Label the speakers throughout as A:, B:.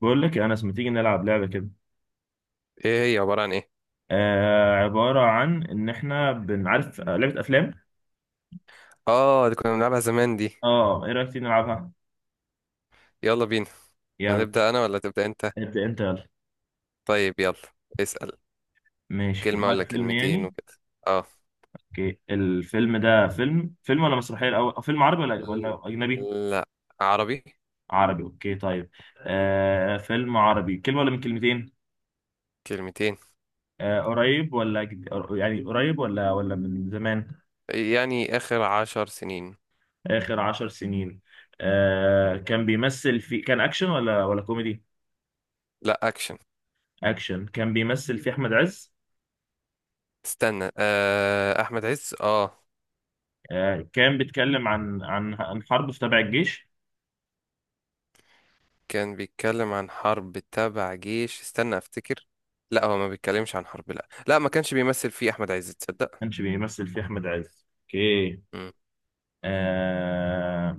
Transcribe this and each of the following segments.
A: بقول لك يا انس، ما تيجي نلعب لعبه كده؟
B: ايه هي عبارة عن ايه؟
A: عباره عن ان احنا بنعرف، لعبه افلام.
B: اه، دي كنا بنلعبها زمان دي.
A: اه ايه رايك تيجي نلعبها؟
B: يلا بينا.
A: يلا.
B: هنبدأ انا ولا تبدأ انت؟
A: ابدا انت، يلا.
B: طيب يلا. اسأل.
A: ماشي، في
B: كلمة
A: دماغك
B: ولا
A: فيلم
B: كلمتين
A: يعني؟
B: وكده. اه.
A: اوكي، الفيلم ده فيلم ولا مسرحيه الاول، أو فيلم عربي ولا اجنبي؟
B: لا. عربي.
A: عربي، اوكي طيب. فيلم عربي، كلمه ولا من كلمتين؟
B: كلمتين.
A: قريب ولا يعني قريب ولا من زمان؟
B: يعني اخر 10 سنين.
A: اخر 10 سنين. كان بيمثل في، كان اكشن ولا كوميدي؟
B: لا، اكشن.
A: اكشن. كان بيمثل في احمد عز.
B: استنى، احمد عز، اه.
A: كان بيتكلم عن حرب في، تبع الجيش.
B: كان بيتكلم عن حرب تبع جيش، استنى افتكر. لا، هو ما بيتكلمش عن حرب، لا لا ما كانش بيمثل فيه احمد عز،
A: ما
B: تصدق؟
A: كانش بيمثل فيه احمد عز، اوكي.
B: مم.
A: آه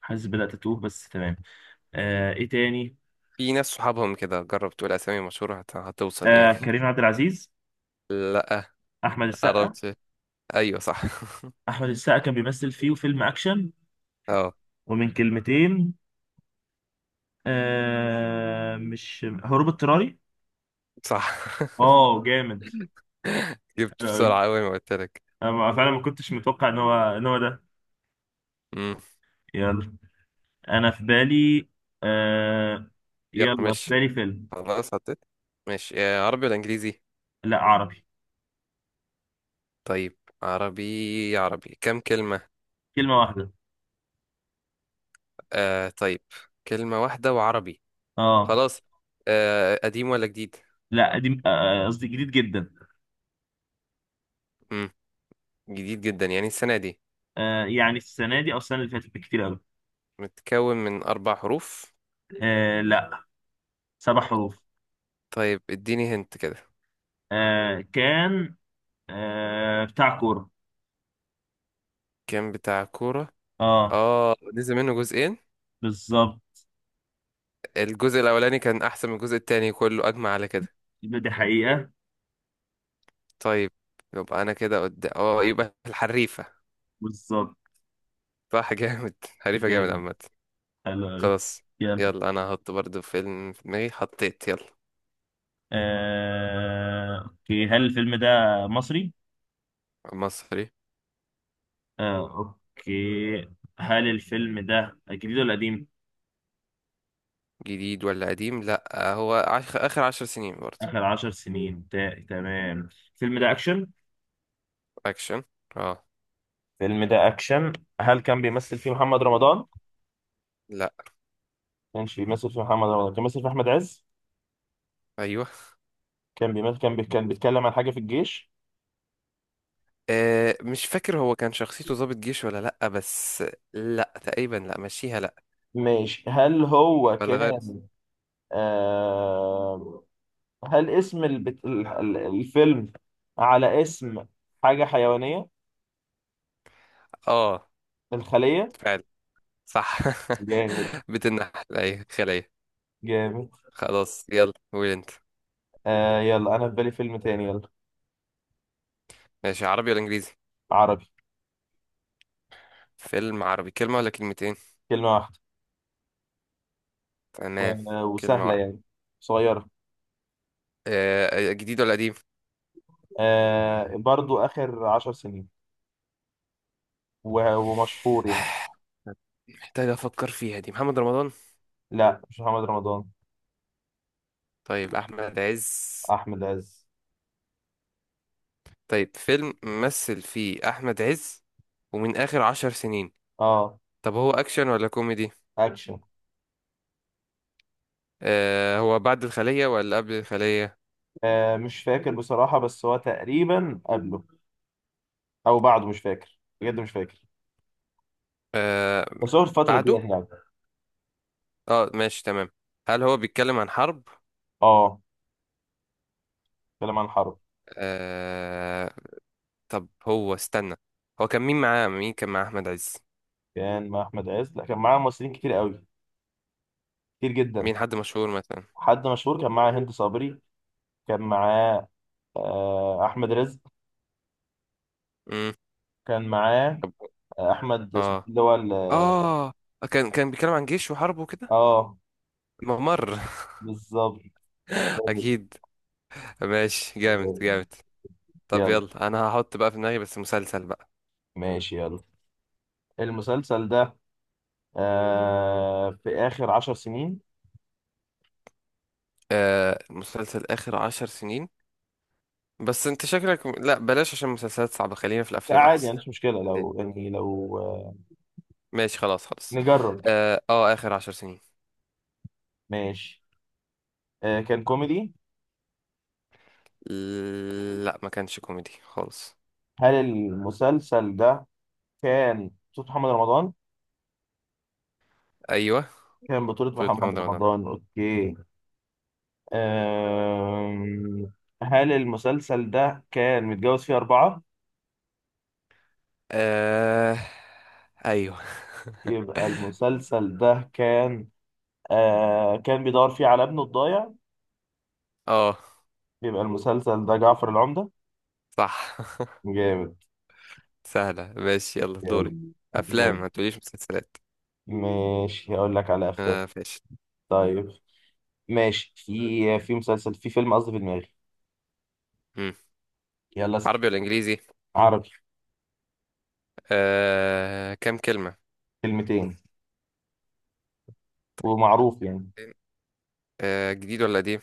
A: حاسس بدأت اتوه، بس تمام. ايه تاني؟
B: في ناس صحابهم كده، جرب تقول اسامي مشهورة هتوصل يعني.
A: كريم عبد العزيز.
B: لا.
A: احمد السقا.
B: قربت. ايوه صح.
A: احمد السقا كان بيمثل فيه فيلم اكشن.
B: اه.
A: ومن كلمتين. مش هروب اضطراري.
B: صح.
A: اه، جامد.
B: جبت
A: حلو قوي.
B: بسرعة أوي ما قلت لك.
A: انا فعلا ما كنتش متوقع ان هو ده.
B: امم.
A: يلا. انا في بالي. آه
B: يلا
A: يلا، في
B: ماشي.
A: بالي فيلم.
B: خلاص حطيت. ماشي. عربي ولا إنجليزي؟
A: لا، عربي.
B: طيب، عربي عربي كم كلمة؟
A: كلمة واحدة.
B: طيب. كلمة واحدة وعربي.
A: اه.
B: خلاص. قديم ولا جديد؟
A: لا قديم، قصدي جديد جدا.
B: امم. جديد جدا يعني السنة دي؟
A: يعني السنة دي أو السنة اللي فاتت بكتير أوي.
B: متكون من 4 حروف؟
A: لا. 7 حروف.
B: طيب اديني هنت كده.
A: كان. بتاع كورة.
B: كان بتاع كورة؟
A: اه.
B: اه، نزل منه جزئين.
A: بالظبط.
B: الجزء الأولاني كان أحسن من الجزء التاني، كله أجمع على كده.
A: يبقى دي حقيقة.
B: طيب. يبقى انا كده قدام، يبقى الحريفة.
A: بالظبط.
B: صح. جامد. حريفة جامد
A: جامد.
B: عامة.
A: حلو أوي.
B: خلاص.
A: يلا.
B: يلا، انا هحط برضه فيلم في دماغي. حطيت، يلا.
A: أوكي، هل الفيلم ده مصري؟
B: مصري.
A: آه أوكي. هل الفيلم ده جديد ولا قديم؟
B: جديد ولا قديم؟ لا هو اخر 10 سنين برضه.
A: آخر 10 سنين، تمام. الفيلم ده أكشن؟
B: اكشن. اه.
A: الفيلم ده اكشن. هل كان بيمثل فيه محمد رمضان؟ ما
B: لا.
A: كانش بيمثل فيه محمد رمضان، كان بيمثل فيه احمد عز.
B: ايوه.
A: كان بيمثل، كان بيتكلم عن حاجه في الجيش.
B: مش فاكر هو كان شخصيته ضابط جيش ولا، لا بس. لا تقريبا، لا مشيها لا.
A: ماشي، هل هو
B: ولا غير.
A: كان، آه... هل اسم الفيلم على اسم حاجه حيوانيه؟
B: اه.
A: الخليه.
B: فعلا. صح.
A: جامد.
B: بتنحل، ايوه، خلية.
A: جامد.
B: خلاص، يلا قول انت.
A: يلا، انا في بالي فيلم تاني، يلا.
B: ماشي. عربي ولا انجليزي؟
A: عربي.
B: فيلم عربي، كلمة ولا كلمتين؟
A: كلمه واحده. و...
B: تمام. كلمة
A: وسهله
B: واحدة.
A: يعني. صغيره.
B: جديد ولا قديم؟
A: برضو اخر 10 سنين. ومشهور يعني.
B: محتاج أفكر فيها، دي محمد رمضان؟
A: لا، مش محمد رمضان.
B: طيب، أحمد عز؟
A: احمد عز.
B: طيب، فيلم مثل فيه أحمد عز. ومن آخر 10 سنين.
A: اه.
B: طب هو أكشن ولا كوميدي؟
A: اكشن.
B: هو بعد الخلية ولا قبل الخلية؟
A: مش فاكر بصراحه، بس هو تقريبا قبله او بعده، مش فاكر بجد، مش فاكر.
B: آه
A: بس هو في الفتره دي
B: بعده.
A: يعني.
B: اه ماشي تمام. هل هو بيتكلم عن حرب؟
A: اه. كلام عن الحرب.
B: آه. طب هو، استنى. هو كان مين معاه؟ مين كان مع أحمد عز؟
A: كان مع احمد عز، لا كان معاه ممثلين كتير قوي. كتير جدا.
B: مين حد مشهور مثلا؟
A: حد مشهور كان معاه هند صبري. كان معاه. احمد رزق. كان معاه.
B: مم.
A: احمد، اسمه إيه
B: اه،
A: اللي هو
B: اه. كان بيتكلم عن جيش وحرب وكده.
A: اه.
B: ممر.
A: بالظبط.
B: اكيد. ماشي، جامد جامد. طب
A: يلا.
B: يلا، انا هحط بقى في دماغي بس مسلسل بقى.
A: ماشي، يلا. المسلسل ده، في آخر 10 سنين.
B: مسلسل اخر 10 سنين. بس انت شكلك، لا بلاش عشان مسلسلات صعبة، خلينا في
A: لا
B: الافلام
A: عادي
B: احسن.
A: يعني، مش مشكلة،
B: بعدين.
A: لو يعني لو.
B: ماشي خلاص خلاص.
A: نجرب.
B: اه، اخر 10 سنين.
A: ماشي. كان كوميدي.
B: لا، ما كانش كوميدي خالص.
A: هل المسلسل ده كان بطولة محمد رمضان؟
B: ايوه.
A: كان بطولة
B: فوت
A: محمد
B: محمد رمضان.
A: رمضان، أوكي. آم، هل المسلسل ده كان متجوز فيه 4؟
B: آه، ايوه.
A: يبقى المسلسل ده كان، كان بيدور فيه على ابنه الضايع.
B: اه،
A: يبقى المسلسل ده جعفر العمدة.
B: صح.
A: جامد.
B: سهلة ماشي، يلا دوري.
A: يلا.
B: أفلام، ما تقوليش مسلسلات.
A: ماشي، هقول لك على افلام.
B: ماشي.
A: طيب. ماشي، في، في مسلسل في فيلم، قصدي، في دماغي.
B: مم.
A: يلا اسأل.
B: عربي ولا إنجليزي؟
A: عربي.
B: كام كلمة؟
A: كلمتين. ومعروف يعني.
B: جديد ولا قديم؟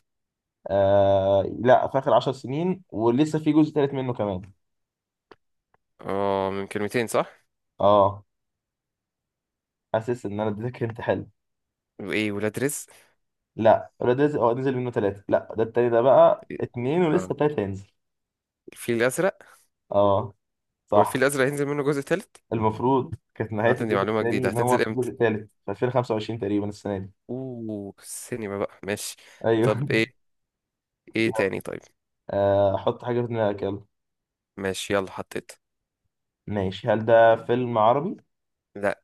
A: لا، في اخر 10 سنين، ولسه في جزء تالت منه كمان.
B: اه، من كلمتين صح؟
A: اه. حاسس ان انا اديتك انت، حلو.
B: وإيه، ولاد رزق؟
A: لا ولاد رزق اه نزل منه 3، لا ده التاني، ده بقى
B: إيه؟
A: 2، ولسه
B: آه.
A: التالت هينزل.
B: الفيل الأزرق.
A: اه.
B: هو
A: صح.
B: الفيل الأزرق هينزل منه جزء تالت؟
A: المفروض كانت نهاية
B: هات دي
A: الجزء
B: معلومة
A: التاني
B: جديدة،
A: ان هو
B: هتنزل
A: في الجزء
B: إمتى؟
A: التالت في 2025 تقريبا السنة دي.
B: أوه، السينما بقى، ماشي.
A: ايوه.
B: طب إيه. إيه تاني؟ طيب.
A: حط حاجة في دماغك، يلا.
B: ماشي، يلا حطيت.
A: ماشي، هل ده فيلم عربي؟
B: لا.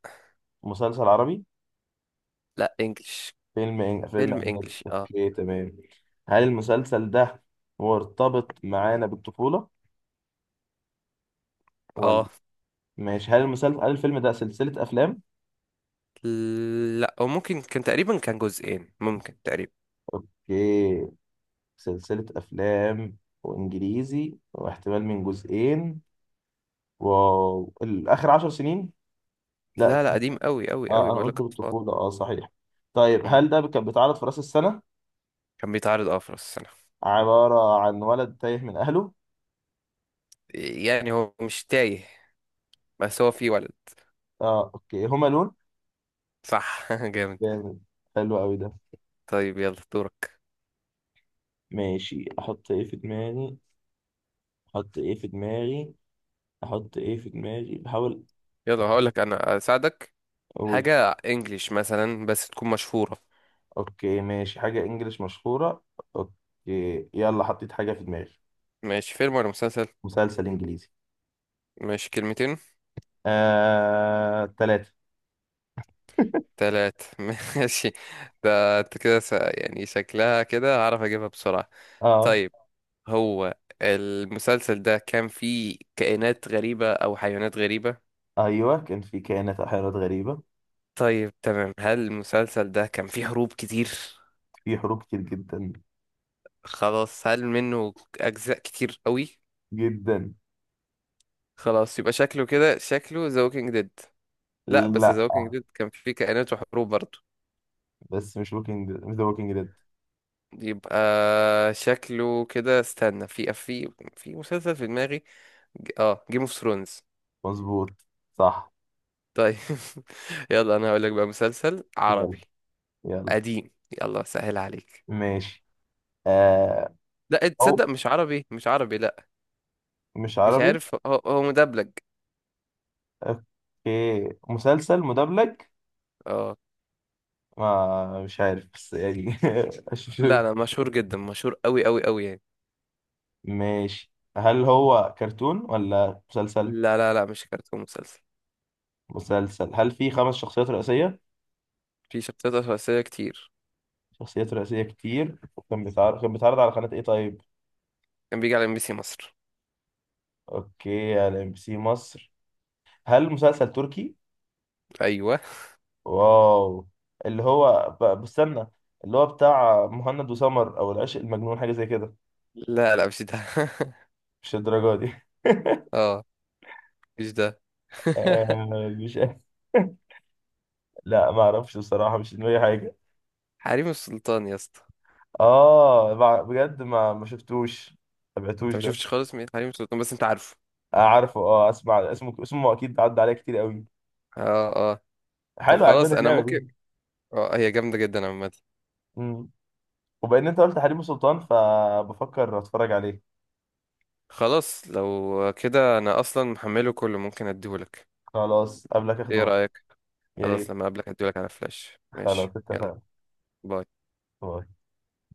A: مسلسل عربي؟
B: لا، إنجلش.
A: فيلم
B: فيلم
A: أجنبي،
B: إنجلش، اه.
A: أوكي تمام. هل المسلسل ده مرتبط معانا بالطفولة ولا؟
B: اه.
A: ماشي، هل الفيلم ده سلسلة أفلام؟
B: لا، وممكن كان تقريبا كان جزئين ممكن تقريبا.
A: أوكي. سلسلة أفلام وإنجليزي، واحتمال من جزئين. واو، الآخر 10 سنين؟ لا.
B: لا لا قديم قوي قوي
A: اه،
B: قوي،
A: أنا
B: بقول لك
A: قلت
B: اطفال.
A: بالطفولة، اه صحيح. طيب
B: مم.
A: هل ده كان بيتعرض في رأس السنة؟
B: كان بيتعرض في راس السنة.
A: عبارة عن ولد تايه من أهله.
B: يعني هو مش تايه. بس هو فيه ولد.
A: اه، أوكي، هما لون.
B: صح. جامد.
A: جامد. حلو قوي ده.
B: طيب، يلا دورك.
A: ماشي، احط ايه في دماغي؟ احط ايه في دماغي؟ احط ايه في دماغي؟ بحاول.
B: يلا هقول
A: بحاول.
B: لك، انا اساعدك.
A: اقول.
B: حاجة انجليش مثلا بس تكون مشهورة.
A: اوكي ماشي، حاجة انجليش مشهورة. اوكي، يلا حطيت حاجة في دماغي.
B: ماشي، فيلم ولا مسلسل؟
A: مسلسل انجليزي.
B: ماشي، كلمتين؟
A: 3.
B: تلات. ماشي. ده انت كده يعني شكلها كده هعرف اجيبها بسرعة.
A: اه.
B: طيب. هو المسلسل ده كان فيه كائنات غريبة او حيوانات غريبة؟
A: ايوه، كان في كائنات احيانات غريبة.
B: طيب تمام، هل المسلسل ده كان فيه هروب كتير؟
A: في حروب كتير جدا.
B: خلاص، هل منه اجزاء كتير قوي؟
A: جدا.
B: خلاص، يبقى شكله كده، شكله ذا ووكينج ديد؟ لا، بس ذا
A: لا،
B: ووكينج ديد كان فيه كائنات وحروب برضه.
A: بس مش ذا ووكينج ديد.
B: يبقى شكله كده، استنى. في في مسلسل في دماغي. جيم اوف ثرونز.
A: مظبوط. صح.
B: طيب. يلا، انا هقول لك بقى مسلسل
A: يلا.
B: عربي.
A: يلا
B: قديم. يلا، سهل عليك.
A: ماشي. آه
B: لا تصدق،
A: او،
B: مش عربي مش عربي لا.
A: مش
B: مش
A: عربي.
B: عارف. هو مدبلج.
A: اوكي، مسلسل مدبلج.
B: اه.
A: ما مش عارف بس يعني. أشوف.
B: لا لا، مشهور جدا، مشهور قوي قوي قوي يعني.
A: ماشي، هل هو كرتون ولا مسلسل؟
B: لا لا لا، مش كرتون، مسلسل.
A: مسلسل. هل في 5 شخصيات رئيسية؟
B: في شخصيات رئيسية كتير.
A: شخصيات رئيسية كتير. وكان بيتعرض كان بيتعرض على قناة ايه طيب؟
B: كان بيجي على MBC مصر.
A: اوكي، على MBC مصر. هل مسلسل تركي؟
B: ايوه.
A: واو. اللي هو بستنى. اللي هو بتاع مهند وسمر، او العشق المجنون، حاجة زي كده.
B: لا لا، مش ده.
A: مش الدرجة دي.
B: اه، مش ده.
A: آه، مش عارف. لا، ما اعرفش بصراحة، مش في دماغي حاجة.
B: حريم السلطان يا اسطى.
A: اه، بجد، ما شفتوش، ما
B: انت
A: تابعتوش
B: ما
A: ده.
B: شفتش خالص، مين حريم السلطان، بس انت عارفه؟
A: عارفه، اه، اسمع، اسمه اكيد عدى عليه كتير قوي.
B: اه، اه. طب
A: حلو،
B: خلاص،
A: عجباني
B: انا
A: اللعبة
B: ممكن.
A: دي.
B: اه، هي جامدة جدا عامة.
A: امم. وبان انت قلت حريم سلطان، فبفكر اتفرج عليه.
B: خلاص لو كده انا اصلا محمله كله، ممكن اديهولك.
A: خلاص قبلك اخده
B: ايه
A: معايا.
B: رأيك؟
A: يا
B: خلاص،
A: ريت.
B: لما اقابلك اديهولك على فلاش، ماشي
A: خلاص
B: يلا.
A: اتفقنا.
B: باي.